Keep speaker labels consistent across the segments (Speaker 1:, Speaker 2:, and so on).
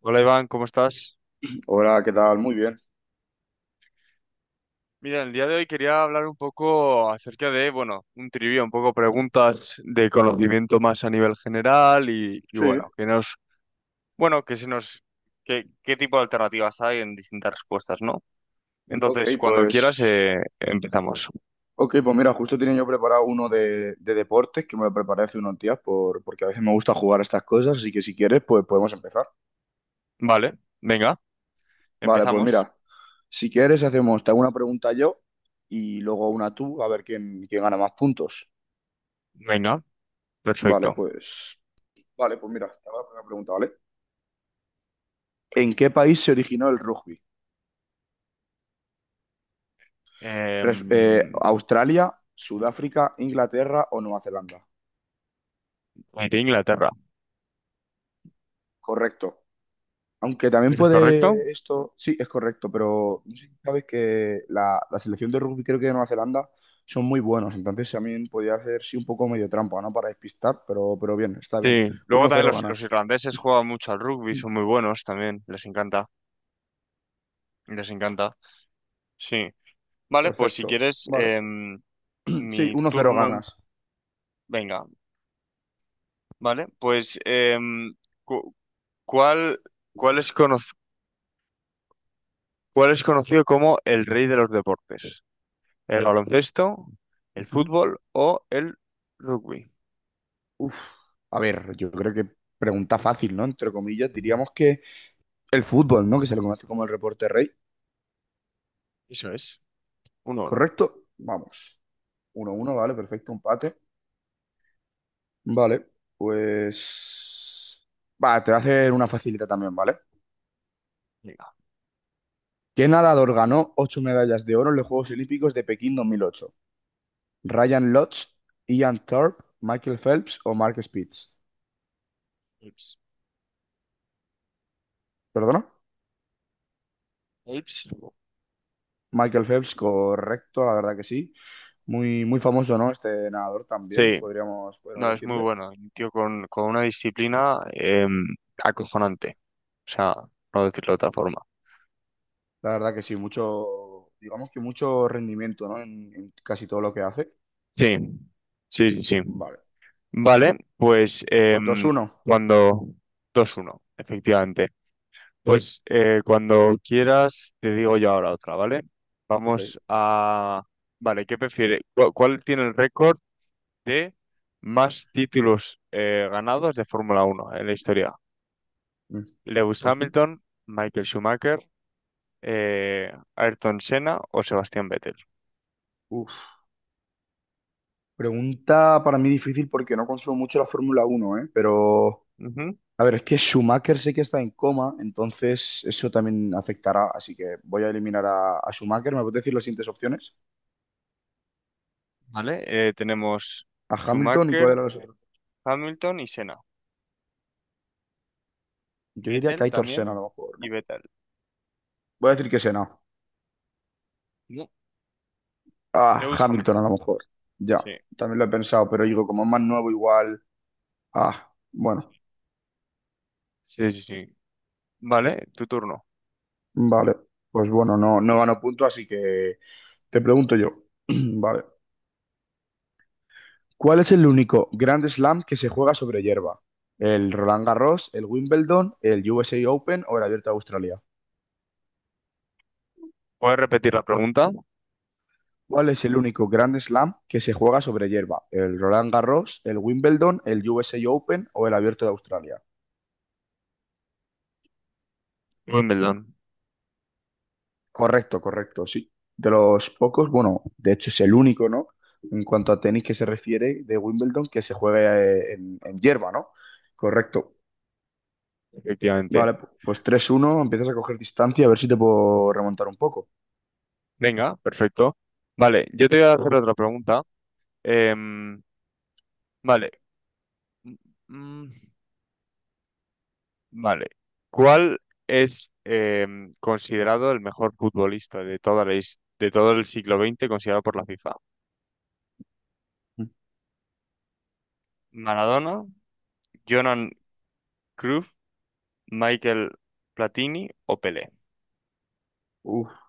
Speaker 1: Hola Iván, ¿cómo estás?
Speaker 2: Hola, ¿qué tal? Muy bien.
Speaker 1: Mira, el día de hoy quería hablar un poco acerca de, bueno, un trivia, un poco preguntas de conocimiento más a nivel general y
Speaker 2: Sí,
Speaker 1: bueno, que nos, bueno, que se nos, ¿qué tipo de alternativas hay en distintas respuestas, ¿no?
Speaker 2: ok,
Speaker 1: Entonces, cuando quieras,
Speaker 2: pues.
Speaker 1: empezamos.
Speaker 2: Ok, pues mira, justo tenía yo preparado uno de deportes que me lo preparé hace unos días porque a veces me gusta jugar a estas cosas, así que si quieres, pues podemos empezar.
Speaker 1: Vale, venga,
Speaker 2: Vale, pues
Speaker 1: empezamos.
Speaker 2: mira, si quieres hacemos, te hago una pregunta yo y luego una tú, a ver quién gana más puntos.
Speaker 1: Venga,
Speaker 2: Vale,
Speaker 1: perfecto.
Speaker 2: pues. Vale, pues mira, te hago la primera pregunta, ¿vale? ¿En qué país se originó el rugby?
Speaker 1: Em,
Speaker 2: ¿Australia, Sudáfrica, Inglaterra o Nueva Zelanda?
Speaker 1: de Inglaterra,
Speaker 2: Correcto. Aunque también
Speaker 1: ¿es correcto?
Speaker 2: puede esto, sí, es correcto, pero no sé si sabes que la selección de rugby creo que de Nueva Zelanda son muy buenos, entonces también podía hacer sí un poco medio trampa, ¿no? Para despistar, pero bien, está bien.
Speaker 1: Sí, luego
Speaker 2: Uno
Speaker 1: también
Speaker 2: cero
Speaker 1: los
Speaker 2: ganas.
Speaker 1: irlandeses juegan mucho al rugby,
Speaker 2: Mm,
Speaker 1: son muy buenos también, les encanta, les encanta. Sí, vale, pues si
Speaker 2: Perfecto.
Speaker 1: quieres,
Speaker 2: Vale. Sí,
Speaker 1: mi
Speaker 2: 1-0
Speaker 1: turno,
Speaker 2: ganas.
Speaker 1: venga, vale, pues cu- ¿cuál, cuál es cono- cuál es conocido como el rey de los deportes? ¿El baloncesto, el
Speaker 2: Ujú.
Speaker 1: fútbol o el rugby?
Speaker 2: Uf. A ver, yo creo que pregunta fácil, ¿no? Entre comillas, diríamos que el fútbol, ¿no? Que se le conoce como el reporte rey,
Speaker 1: Eso es, uno uno.
Speaker 2: ¿correcto? Vamos. 1-1, vale, perfecto, empate. Vale, pues... Va, te voy a hacer una facilita también, ¿vale?
Speaker 1: Venga,
Speaker 2: ¿Qué nadador ganó ocho medallas de oro en los Juegos Olímpicos de Pekín 2008? ¿Ryan Lodge, Ian Thorpe, Michael Phelps o Mark Spitz?
Speaker 1: Ips.
Speaker 2: ¿Perdona?
Speaker 1: Ips.
Speaker 2: Michael Phelps, correcto, la verdad que sí. Muy, muy famoso, ¿no? Este nadador también,
Speaker 1: Sí,
Speaker 2: podríamos
Speaker 1: no, es muy
Speaker 2: decirle.
Speaker 1: bueno, un tío con una disciplina acojonante, o sea, no decirlo de otra forma.
Speaker 2: La verdad que sí, mucho, digamos que mucho rendimiento, ¿no? En casi todo lo que hace.
Speaker 1: Sí, sí, sí. Sí.
Speaker 2: Vale,
Speaker 1: Vale, pues
Speaker 2: pues 2-1.
Speaker 1: cuando dos uno efectivamente. Pues cuando quieras, te digo yo ahora otra, ¿vale?
Speaker 2: Ok.
Speaker 1: Vamos a... Vale, ¿qué prefiere? ¿Cuál tiene el récord de más títulos ganados de Fórmula Uno en la historia?
Speaker 2: Mm.
Speaker 1: ¿Lewis
Speaker 2: Ujú.
Speaker 1: Hamilton, Michael Schumacher, Ayrton Senna o Sebastián Vettel?
Speaker 2: Uf. Pregunta para mí difícil porque no consumo mucho la Fórmula Uno, ¿eh? Pero,
Speaker 1: Ujú.
Speaker 2: a ver, es que Schumacher sé que está en coma, entonces eso también afectará, así que voy a eliminar a Schumacher. ¿Me puedes decir las siguientes opciones?
Speaker 1: Vale, tenemos
Speaker 2: A Hamilton y cuál
Speaker 1: Schumacher,
Speaker 2: era los otros.
Speaker 1: Hamilton y Senna.
Speaker 2: Yo diría que
Speaker 1: Vettel
Speaker 2: Aitor Senna a lo
Speaker 1: también
Speaker 2: mejor,
Speaker 1: y
Speaker 2: ¿no?
Speaker 1: Vettel.
Speaker 2: Voy a decir que Senna. Ah,
Speaker 1: Lewis
Speaker 2: Hamilton a
Speaker 1: Hamilton.
Speaker 2: lo mejor. Ya,
Speaker 1: Sí,
Speaker 2: también lo he pensado, pero digo, como es más nuevo igual... Ah, bueno,
Speaker 1: sí, sí, sí. Vale, tu turno.
Speaker 2: vale. Pues bueno, no, no gano punto, así que te pregunto yo. Vale. ¿Cuál es el único Grand Slam que se juega sobre hierba? ¿El Roland Garros, el Wimbledon, el USA Open o el Abierto de Australia?
Speaker 1: ¿Puedes repetir la pregunta?
Speaker 2: ¿Cuál es el único Grand Slam que se juega sobre hierba? ¿El Roland Garros, el Wimbledon, el USA Open o el Abierto de Australia?
Speaker 1: Wimbledon,
Speaker 2: Correcto, correcto, sí. De los pocos, bueno, de hecho es el único, ¿no? En cuanto a tenis que se refiere de Wimbledon, que se juega en hierba, ¿no? Correcto.
Speaker 1: efectivamente.
Speaker 2: Vale, pues 3-1, empiezas a coger distancia, a ver si te puedo remontar un poco.
Speaker 1: Venga, perfecto. Vale, yo te voy a hacer otra pregunta. Em, vale. Mm, mm, vale. ¿Cuál es, considerado el mejor futbolista de toda la de todo el siglo XX considerado por la FIFA?
Speaker 2: Mm.
Speaker 1: ¿Maradona, Johan Cruyff, Michael Platini o Pelé?
Speaker 2: Uf.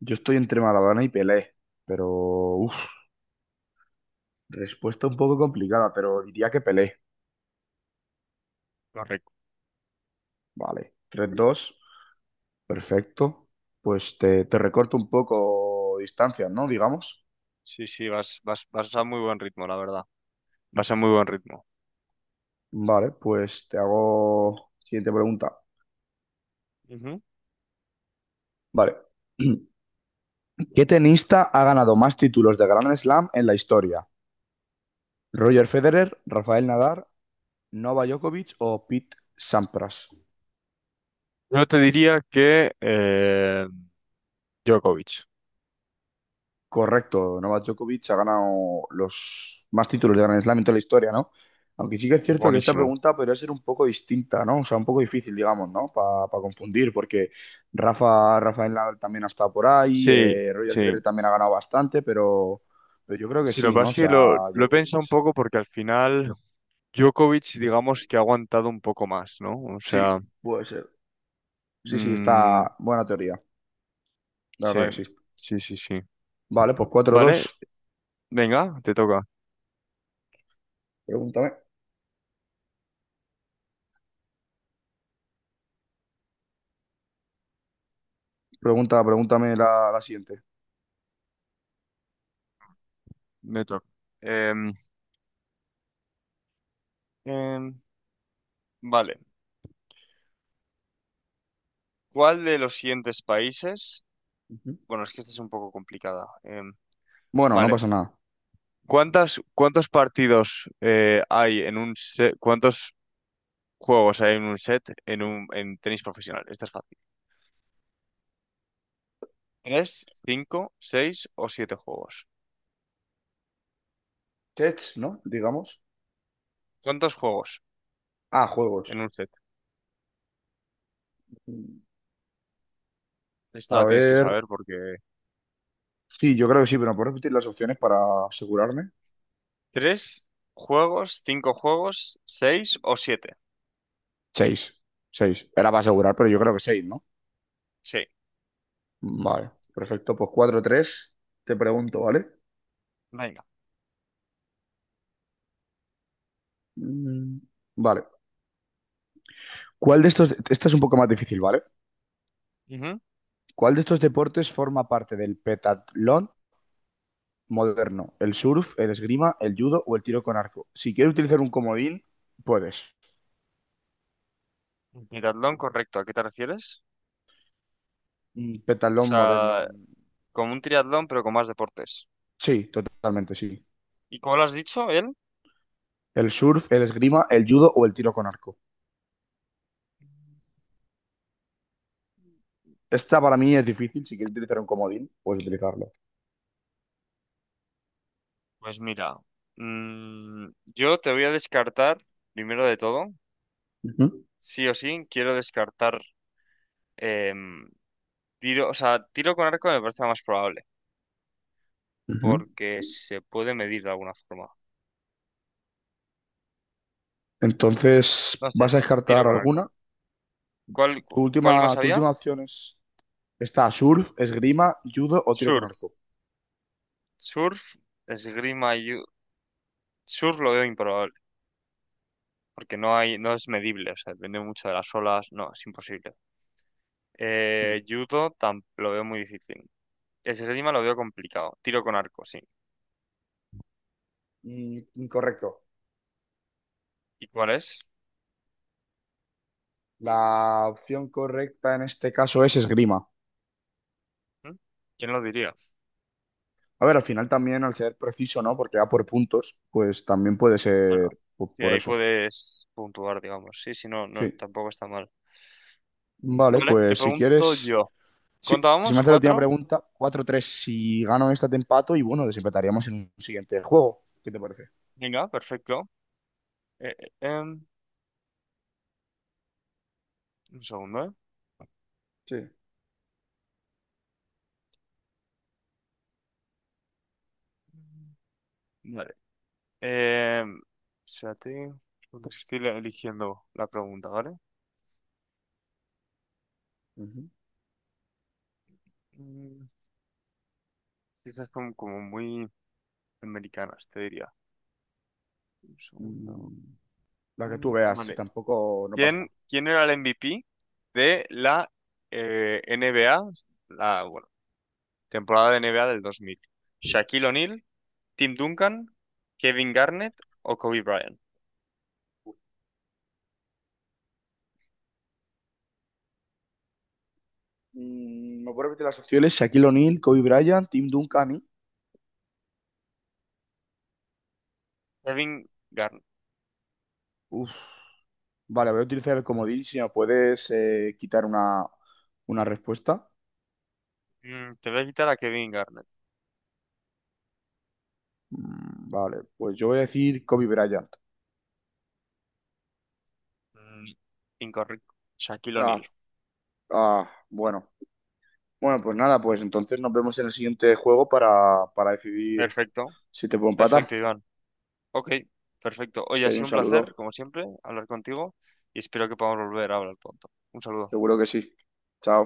Speaker 2: Yo estoy entre Maradona y Pelé, pero uf, respuesta un poco complicada, pero diría que Pelé.
Speaker 1: Correcto.
Speaker 2: Vale, 3-2, perfecto. Pues te recorto un poco distancia, ¿no? Digamos.
Speaker 1: Sí, sí, vas, vas, vas a muy buen ritmo, la verdad. Vas a muy buen ritmo.
Speaker 2: Vale, pues te hago siguiente pregunta.
Speaker 1: Ujú.
Speaker 2: Vale. ¿Qué tenista ha ganado más títulos de Grand Slam en la historia? ¿Roger Federer, Rafael Nadal, Novak Djokovic o Pete Sampras?
Speaker 1: Yo te diría que Djokovic
Speaker 2: Correcto, Novak Djokovic ha ganado los más títulos de Grand Slam en toda la historia, ¿no? Aunque sí que es
Speaker 1: es
Speaker 2: cierto que esta
Speaker 1: buenísimo.
Speaker 2: pregunta podría ser un poco distinta, ¿no? O sea, un poco difícil, digamos, ¿no? Para confundir, porque Rafael Nadal también ha estado por ahí,
Speaker 1: Sí,
Speaker 2: Roger Federer
Speaker 1: sí.
Speaker 2: también ha ganado bastante, pero yo creo que
Speaker 1: Sí, lo que
Speaker 2: sí, ¿no?
Speaker 1: pasa
Speaker 2: O
Speaker 1: es que
Speaker 2: sea,
Speaker 1: lo he
Speaker 2: Djokovic.
Speaker 1: pensado un poco porque al final Djokovic, digamos que ha aguantado un poco más, ¿no? O
Speaker 2: Sí,
Speaker 1: sea,
Speaker 2: puede ser. Sí, sí,
Speaker 1: mm,
Speaker 2: está buena teoría, la
Speaker 1: sí,
Speaker 2: verdad que sí.
Speaker 1: sí, sí, sí.
Speaker 2: Vale, pues cuatro
Speaker 1: Vale,
Speaker 2: dos.
Speaker 1: venga, te toca.
Speaker 2: Pregúntame. Pregúntame la siguiente.
Speaker 1: Me toca. Em, em, vale. ¿Cuál de los siguientes países?
Speaker 2: Ujú.
Speaker 1: Bueno, es que esta es un poco complicada.
Speaker 2: Bueno, no
Speaker 1: Vale.
Speaker 2: pasa nada.
Speaker 1: ¿Cuántas, cuántos partidos hay en un set? ¿Cuántos juegos hay en un set en un en tenis profesional? Esta es fácil. ¿Tres, cinco, seis o siete juegos?
Speaker 2: Tets, ¿no? Digamos.
Speaker 1: ¿Cuántos juegos
Speaker 2: Ah,
Speaker 1: en
Speaker 2: juegos.
Speaker 1: un set? Esta
Speaker 2: A
Speaker 1: la tienes que
Speaker 2: ver.
Speaker 1: saber porque
Speaker 2: Sí, yo creo que sí, pero ¿me puedes repetir las opciones para asegurarme?
Speaker 1: tres juegos, cinco juegos, seis o siete.
Speaker 2: Seis. Seis. Era para asegurar, pero yo creo que seis, ¿no?
Speaker 1: Sí,
Speaker 2: Vale, perfecto. Pues 4-3. Te pregunto, ¿vale?
Speaker 1: venga.
Speaker 2: Mm, Vale. ¿Cuál de estos, esta es un poco más difícil, ¿vale?
Speaker 1: Ujú.
Speaker 2: ¿Cuál de estos deportes forma parte del petatlón moderno? ¿El surf, el esgrima, el judo o el tiro con arco? Si quieres utilizar un comodín, puedes.
Speaker 1: Triatlón, correcto. ¿A qué te refieres? O
Speaker 2: Pentatlón moderno.
Speaker 1: sea, como un triatlón, pero con más deportes.
Speaker 2: Sí, totalmente, sí.
Speaker 1: ¿Y cómo lo has dicho, él?
Speaker 2: El surf, el esgrima, el judo o el tiro con arco. Esta para mí es difícil. Si quieres utilizar un comodín, puedes utilizarlo.
Speaker 1: Pues mira, mm, yo te voy a descartar, primero de todo,
Speaker 2: Ujú,
Speaker 1: sí o sí, quiero descartar em, tiro, o sea, tiro con arco me parece lo más probable,
Speaker 2: ujú.
Speaker 1: porque se puede medir de alguna forma.
Speaker 2: Entonces,
Speaker 1: No sé,
Speaker 2: ¿vas a
Speaker 1: tiro
Speaker 2: descartar
Speaker 1: con arco.
Speaker 2: alguna?
Speaker 1: ¿Cuál,
Speaker 2: Tu
Speaker 1: cuál
Speaker 2: última,
Speaker 1: más
Speaker 2: tu
Speaker 1: había?
Speaker 2: última opción es, está surf, esgrima, judo o tiro con
Speaker 1: Surf.
Speaker 2: arco.
Speaker 1: Surf, esgrima y... surf lo veo improbable, porque no hay, no es medible, o sea, depende mucho de las olas, no, es imposible.
Speaker 2: Mm.
Speaker 1: Judo lo veo muy difícil. Esgrima lo veo complicado. Tiro con arco, sí.
Speaker 2: Incorrecto.
Speaker 1: ¿Y cuál es?
Speaker 2: La opción correcta en este caso es esgrima.
Speaker 1: ¿Mm? ¿Quién lo diría?
Speaker 2: A ver, al final también al ser preciso, ¿no? Porque va por puntos, pues también puede
Speaker 1: Bueno,
Speaker 2: ser po-
Speaker 1: sí,
Speaker 2: por,
Speaker 1: ahí
Speaker 2: eso.
Speaker 1: puedes puntuar, digamos. Sí, sí, no, no,
Speaker 2: Sí.
Speaker 1: tampoco está mal.
Speaker 2: Vale,
Speaker 1: Vale, te
Speaker 2: pues si
Speaker 1: pregunto
Speaker 2: quieres,
Speaker 1: yo.
Speaker 2: sí, si me
Speaker 1: ¿Contábamos
Speaker 2: haces la última
Speaker 1: cuatro?
Speaker 2: pregunta, 4-3, si gano esta te empato y bueno, desempataríamos en un siguiente juego. ¿Qué te parece?
Speaker 1: Venga, perfecto. Eh, eh, em, un segundo, ¿eh?
Speaker 2: Sí.
Speaker 1: Vale. Em, espérate, porque estoy eligiendo la pregunta, ¿vale?
Speaker 2: Ujú.
Speaker 1: Mm, estas son como muy americanas, te diría. Un segundo.
Speaker 2: Mm, La que tú
Speaker 1: Mm,
Speaker 2: veas,
Speaker 1: vale.
Speaker 2: tampoco no pasa
Speaker 1: ¿Quién,
Speaker 2: nada.
Speaker 1: quién era el MVP de la NBA? La, bueno, temporada de NBA del 2000. Shaquille O'Neal, Tim Duncan, Kevin Garnett o Kobe Bryant.
Speaker 2: ¿Me puedo repetir las opciones? Shaquille O'Neal, Kobe Bryant, Tim Duncan y...
Speaker 1: Kevin Garnett.
Speaker 2: Uf, vale, voy a utilizar el comodín si me puedes quitar una respuesta.
Speaker 1: Mm, te voy a quitar a Kevin Garnett.
Speaker 2: Vale, pues yo voy a decir Kobe Bryant.
Speaker 1: Mm, incorrecto. Shaquille O'Neal.
Speaker 2: Ah, ah, bueno. Bueno, pues nada, pues entonces nos vemos en el siguiente juego para decidir
Speaker 1: Perfecto.
Speaker 2: si te puedo
Speaker 1: Perfecto,
Speaker 2: empatar.
Speaker 1: Iván. Ok, perfecto. Oye, ha
Speaker 2: Que hay
Speaker 1: sido
Speaker 2: un
Speaker 1: un placer,
Speaker 2: saludo,
Speaker 1: como siempre, hablar contigo y espero que podamos volver a hablar pronto. Un saludo.
Speaker 2: seguro que sí. Chao.